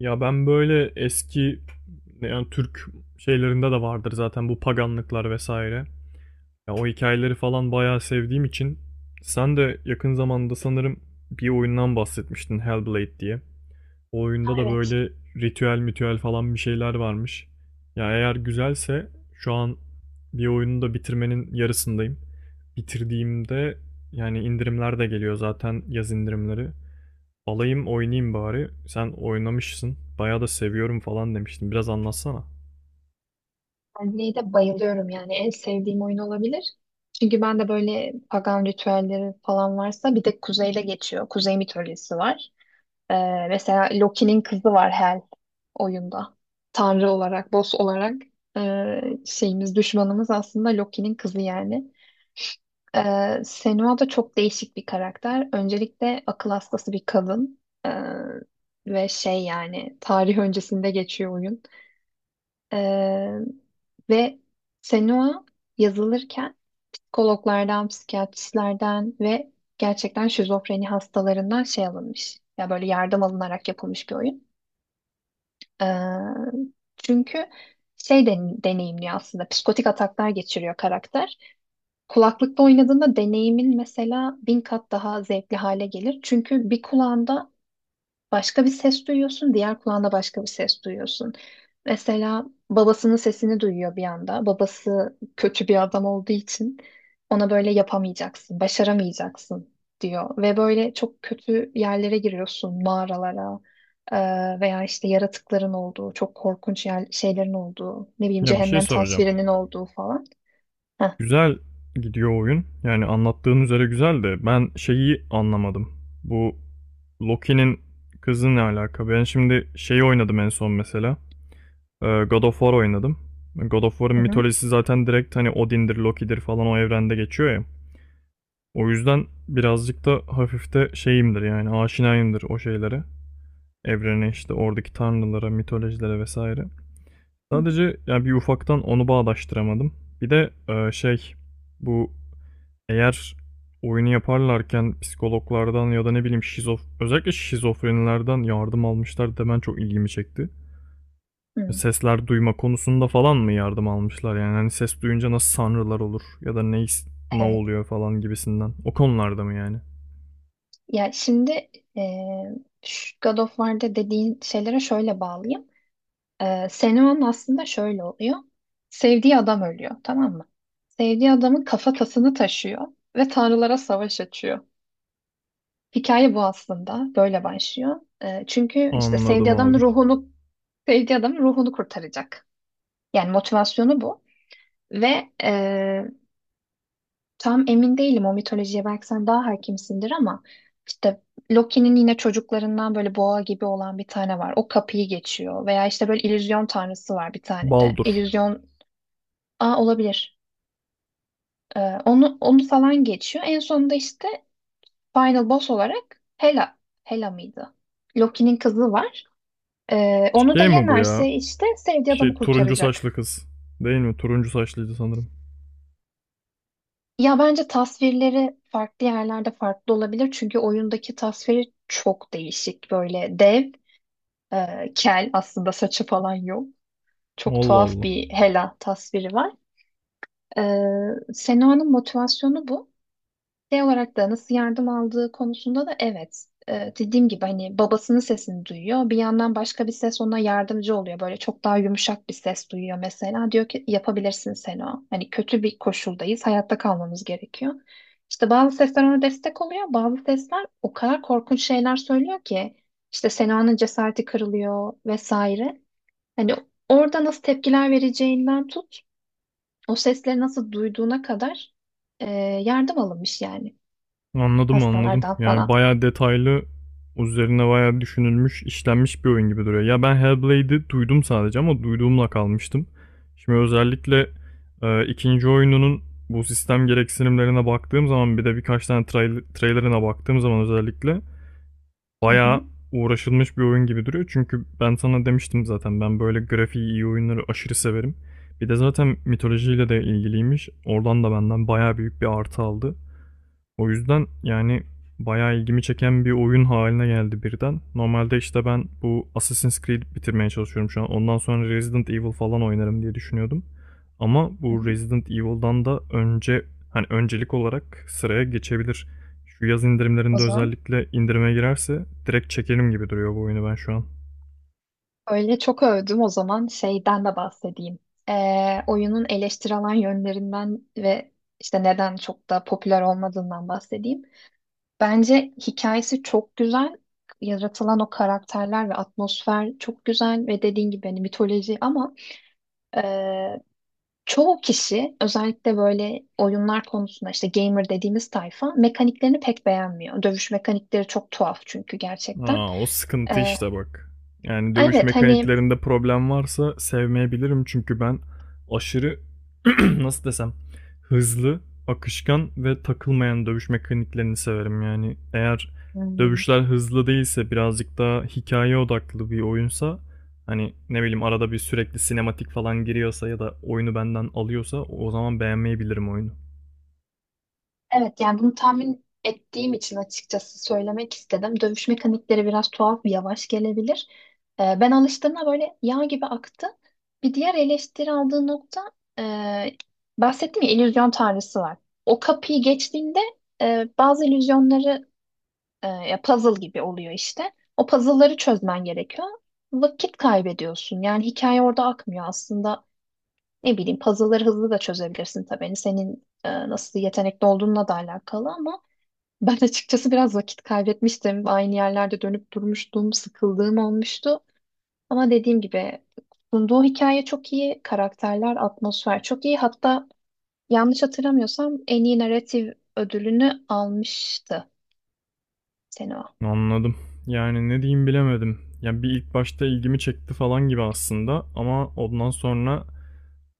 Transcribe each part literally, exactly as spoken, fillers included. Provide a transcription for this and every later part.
Ya ben böyle eski, yani Türk şeylerinde de vardır zaten bu paganlıklar vesaire. Ya o hikayeleri falan bayağı sevdiğim için sen de yakın zamanda sanırım bir oyundan bahsetmiştin, Hellblade diye. O oyunda da Evet, böyle ritüel mitüel falan bir şeyler varmış. Ya eğer güzelse, şu an bir oyunu da bitirmenin yarısındayım. Bitirdiğimde, yani indirimler de geliyor zaten, yaz indirimleri. Alayım oynayayım bari. Sen oynamışsın. Bayağı da seviyorum falan demiştin. Biraz anlatsana. Stanley'e de bayılıyorum, yani en sevdiğim oyun olabilir. Çünkü ben de böyle pagan ritüelleri falan varsa, bir de kuzeyde geçiyor. Kuzey mitolojisi var. Ee, mesela Loki'nin kızı var, Hel oyunda. Tanrı olarak, boss olarak ee, şeyimiz, düşmanımız aslında Loki'nin kızı yani. Ee, Senua da çok değişik bir karakter. Öncelikle akıl hastası bir kadın. Ee, ve şey, yani tarih öncesinde geçiyor oyun. Ee, ve Senua yazılırken psikologlardan, psikiyatristlerden ve gerçekten şizofreni hastalarından şey alınmış. Ya böyle yardım alınarak yapılmış bir oyun. Ee, Çünkü şey den- deneyimliyor aslında. Psikotik ataklar geçiriyor karakter. Kulaklıkla oynadığında deneyimin mesela bin kat daha zevkli hale gelir. Çünkü bir kulağında başka bir ses duyuyorsun, diğer kulağında başka bir ses duyuyorsun. Mesela babasının sesini duyuyor bir anda. Babası kötü bir adam olduğu için ona böyle yapamayacaksın, başaramayacaksın diyor. Ve böyle çok kötü yerlere giriyorsun, mağaralara eee, veya işte yaratıkların olduğu, çok korkunç yer, şeylerin olduğu, ne bileyim Ya bir şey cehennem soracağım. tasvirinin olduğu falan. Güzel gidiyor oyun. Yani anlattığın üzere güzel, de ben şeyi anlamadım. Bu Loki'nin kızı ne alaka? Ben şimdi şeyi oynadım en son mesela. Ee, God of War oynadım. God of War'ın Hı hı. mitolojisi zaten direkt hani Odin'dir, Loki'dir falan, o evrende geçiyor ya. O yüzden birazcık da hafif de şeyimdir, yani aşinayımdır o şeylere. Evrene işte, oradaki tanrılara, mitolojilere vesaire. Hı Sadece yani bir ufaktan onu bağdaştıramadım. Bir de e, şey, bu eğer oyunu yaparlarken psikologlardan ya da ne bileyim şizof, özellikle şizofrenilerden yardım almışlar demen çok ilgimi çekti. hı. Hı. Sesler duyma konusunda falan mı yardım almışlar, yani hani ses duyunca nasıl sanrılar olur ya da ne his- ne Evet. oluyor falan gibisinden. O konularda mı yani? Ya şimdi e, şu God of War'da dediğin şeylere şöyle bağlayayım. E, Senua'nın aslında şöyle oluyor. Sevdiği adam ölüyor, tamam mı? Sevdiği adamın kafatasını taşıyor ve tanrılara savaş açıyor. Hikaye bu aslında. Böyle başlıyor. Ee, çünkü işte Anladım sevdiği adamın abi. ruhunu sevdiği adamın ruhunu kurtaracak. Yani motivasyonu bu. Ve e, tam emin değilim, o mitolojiye belki sen daha hakimsindir ama işte Loki'nin yine çocuklarından böyle boğa gibi olan bir tane var. O kapıyı geçiyor. Veya işte böyle illüzyon tanrısı var bir tane de. Baldur. İllüzyon... Aa, olabilir. Ee, onu onu falan geçiyor. En sonunda işte Final Boss olarak Hela. Hela mıydı? Loki'nin kızı var. Ee, onu da Şey mi bu ya? yenerse işte sevdiği Şey, adamı turuncu kurtaracak. saçlı kız. Değil mi? Turuncu saçlıydı sanırım. Ya bence tasvirleri farklı yerlerde farklı olabilir. Çünkü oyundaki tasviri çok değişik. Böyle dev, e, kel, aslında saçı falan yok. Çok Allah tuhaf Allah. bir Hela tasviri var. Ee, Senoa'nın motivasyonu bu. Şey olarak da nasıl yardım aldığı konusunda da evet. Ee, dediğim gibi hani babasının sesini duyuyor. Bir yandan başka bir ses ona yardımcı oluyor. Böyle çok daha yumuşak bir ses duyuyor mesela. Diyor ki yapabilirsin Sena. Hani kötü bir koşuldayız. Hayatta kalmamız gerekiyor. İşte bazı sesler ona destek oluyor. Bazı sesler o kadar korkunç şeyler söylüyor ki işte Sena'nın cesareti kırılıyor vesaire. Hani orada nasıl tepkiler vereceğinden tut, o sesleri nasıl duyduğuna kadar e, yardım alınmış yani. Anladım, anladım. Pastalardan Yani falan. bayağı detaylı, üzerine bayağı düşünülmüş, işlenmiş bir oyun gibi duruyor. Ya ben Hellblade'i duydum sadece ama duyduğumla kalmıştım. Şimdi özellikle e, ikinci oyununun bu sistem gereksinimlerine baktığım zaman, bir de birkaç tane trail- trailerine baktığım zaman özellikle Hı bayağı hı. uğraşılmış bir oyun gibi duruyor. Çünkü ben sana demiştim zaten, ben böyle grafiği iyi oyunları aşırı severim. Bir de zaten mitolojiyle de ilgiliymiş. Oradan da benden bayağı büyük bir artı aldı. O yüzden yani bayağı ilgimi çeken bir oyun haline geldi birden. Normalde işte ben bu Assassin's Creed bitirmeye çalışıyorum şu an. Ondan sonra Resident Evil falan oynarım diye düşünüyordum. Ama Hı bu hı. Resident Evil'dan da önce hani öncelik olarak sıraya geçebilir. Şu yaz O indirimlerinde zaman özellikle indirime girerse direkt çekerim gibi duruyor bu oyunu ben şu an. öyle çok övdüm. O zaman şeyden de bahsedeyim. Ee, oyunun eleştirilen yönlerinden ve işte neden çok da popüler olmadığından bahsedeyim. Bence hikayesi çok güzel. Yaratılan o karakterler ve atmosfer çok güzel ve dediğin gibi hani mitoloji ama e, çoğu kişi özellikle böyle oyunlar konusunda işte gamer dediğimiz tayfa mekaniklerini pek beğenmiyor. Dövüş mekanikleri çok tuhaf çünkü gerçekten. Aa, o sıkıntı E, işte bak. Yani dövüş evet hani mekaniklerinde problem varsa sevmeyebilirim, çünkü ben aşırı nasıl desem, hızlı, akışkan ve takılmayan dövüş mekaniklerini severim. Yani eğer Hmm. dövüşler hızlı değilse, birazcık daha hikaye odaklı bir oyunsa, hani ne bileyim arada bir sürekli sinematik falan giriyorsa ya da oyunu benden alıyorsa, o zaman beğenmeyebilirim oyunu. Evet yani bunu tahmin ettiğim için açıkçası söylemek istedim. Dövüş mekanikleri biraz tuhaf, yavaş gelebilir. Ee, ben alıştığımda böyle yağ gibi aktı. Bir diğer eleştiri aldığı nokta, e, bahsettim ya illüzyon tanrısı var. O kapıyı geçtiğinde e, bazı illüzyonları, e, ya puzzle gibi oluyor işte. O puzzle'ları çözmen gerekiyor. Vakit kaybediyorsun. Yani hikaye orada akmıyor aslında. Ne bileyim puzzle'ları hızlı da çözebilirsin tabii. Hani senin e, nasıl yetenekli olduğunla da alakalı ama ben açıkçası biraz vakit kaybetmiştim. Aynı yerlerde dönüp durmuştum, sıkıldığım olmuştu. Ama dediğim gibi sunduğu hikaye çok iyi, karakterler, atmosfer çok iyi. Hatta yanlış hatırlamıyorsam en iyi narratif ödülünü almıştı Senua. Anladım. Yani ne diyeyim bilemedim. Ya bir ilk başta ilgimi çekti falan gibi aslında ama ondan sonra,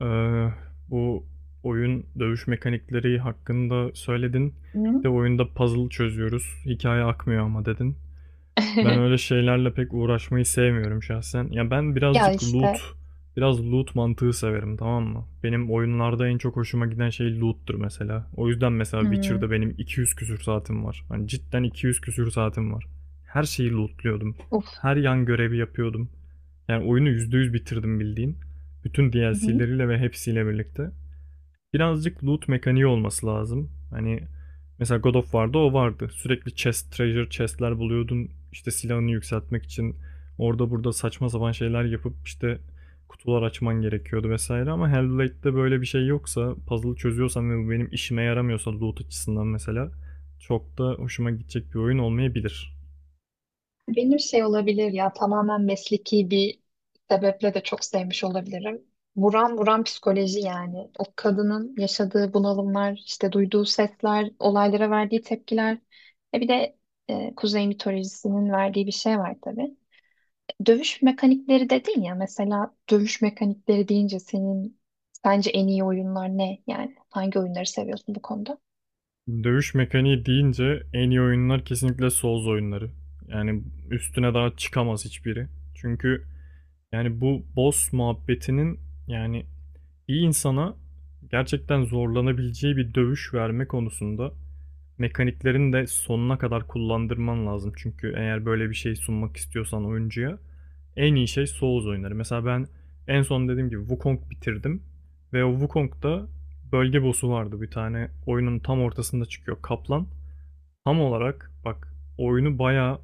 eee, bu oyun dövüş mekanikleri hakkında söyledin. Bir de oyunda puzzle çözüyoruz. Hikaye akmıyor ama dedin. Ben öyle şeylerle pek uğraşmayı sevmiyorum şahsen. Ya ben Ya birazcık loot, işte biraz loot mantığı severim, tamam mı? Benim oyunlarda en çok hoşuma giden şey loot'tur mesela. O yüzden mesela Hmm. Witcher'da benim iki yüz küsür saatim var. Hani cidden iki yüz küsür saatim var. Her şeyi lootluyordum. Uf. Her yan görevi yapıyordum. Yani oyunu yüzde yüz bitirdim bildiğin. Bütün D L C'leriyle ve hepsiyle birlikte. Birazcık loot mekaniği olması lazım. Hani mesela God of War'da o vardı. Sürekli chest, treasure chest'ler buluyordun. İşte silahını yükseltmek için orada burada saçma sapan şeyler yapıp işte kutular açman gerekiyordu vesaire, ama Hellblade'de böyle bir şey yoksa, puzzle çözüyorsan ve bu benim işime yaramıyorsa loot açısından mesela, çok da hoşuma gidecek bir oyun olmayabilir. Benim şey olabilir ya, tamamen mesleki bir sebeple de çok sevmiş olabilirim. Buram buram psikoloji yani. O kadının yaşadığı bunalımlar, işte duyduğu sesler, olaylara verdiği tepkiler. E bir de e, Kuzey mitolojisinin verdiği bir şey var tabii. Dövüş mekanikleri dedin ya, mesela dövüş mekanikleri deyince senin sence en iyi oyunlar ne? Yani hangi oyunları seviyorsun bu konuda? Dövüş mekaniği deyince en iyi oyunlar kesinlikle Souls oyunları. Yani üstüne daha çıkamaz hiçbiri. Çünkü yani bu boss muhabbetinin, yani bir insana gerçekten zorlanabileceği bir dövüş verme konusunda, mekaniklerini de sonuna kadar kullandırman lazım. Çünkü eğer böyle bir şey sunmak istiyorsan oyuncuya, en iyi şey Souls oyunları. Mesela ben en son dediğim gibi Wukong bitirdim ve o Wukong'da bölge boss'u vardı bir tane, oyunun tam ortasında çıkıyor, Kaplan. Tam olarak bak, oyunu bayağı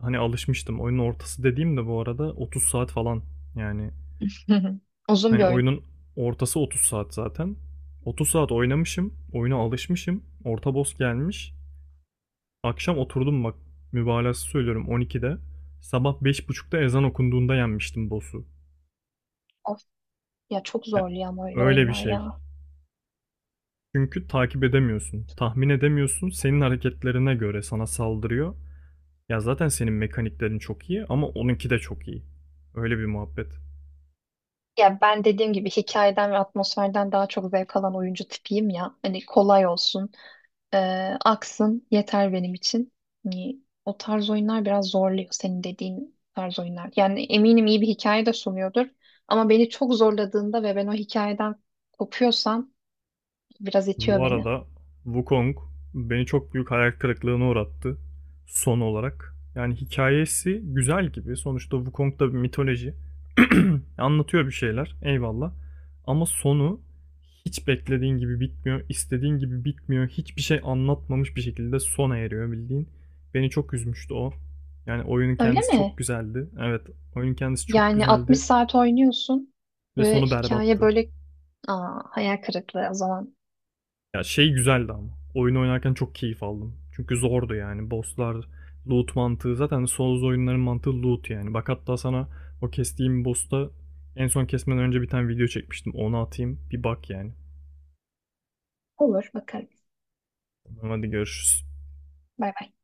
hani alışmıştım. Oyunun ortası dediğim de bu arada otuz saat falan, yani Hı hı. Uzun hani bir oyun. oyunun ortası otuz saat zaten. otuz saat oynamışım. Oyuna alışmışım. Orta boss gelmiş. Akşam oturdum bak. Mübalağası söylüyorum, on ikide. Sabah beş buçukta ezan okunduğunda yenmiştim boss'u. Of, ya çok Ya, zorluyor ama öyle öyle bir oyunlar şey. ya. Çünkü takip edemiyorsun. Tahmin edemiyorsun. Senin hareketlerine göre sana saldırıyor. Ya zaten senin mekaniklerin çok iyi ama onunki de çok iyi. Öyle bir muhabbet. Ya ben dediğim gibi hikayeden ve atmosferden daha çok zevk alan oyuncu tipiyim ya. Hani kolay olsun, e, aksın yeter benim için. Hani o tarz oyunlar biraz zorluyor, senin dediğin tarz oyunlar. Yani eminim iyi bir hikaye de sunuyordur. Ama beni çok zorladığında ve ben o hikayeden kopuyorsam biraz itiyor Bu beni. arada Wukong beni çok büyük hayal kırıklığına uğrattı son olarak. Yani hikayesi güzel gibi. Sonuçta Wukong da bir mitoloji. Anlatıyor bir şeyler. Eyvallah. Ama sonu hiç beklediğin gibi bitmiyor, istediğin gibi bitmiyor. Hiçbir şey anlatmamış bir şekilde sona eriyor bildiğin. Beni çok üzmüştü o. Yani oyunun Öyle kendisi çok mi? güzeldi. Evet, oyunun kendisi çok Yani altmış güzeldi saat oynuyorsun ve ve sonu hikaye berbattı. böyle... Aa, hayal kırıklığı o zaman. Ya şey güzeldi ama. Oyun oynarken çok keyif aldım. Çünkü zordu yani. Bosslar, loot mantığı. Zaten Souls oyunların mantığı loot yani. Bak hatta sana o kestiğim boss'ta en son kesmeden önce bir tane video çekmiştim. Onu atayım. Bir bak yani. Olur, bakarız. Tamam, hadi görüşürüz. Bay bay.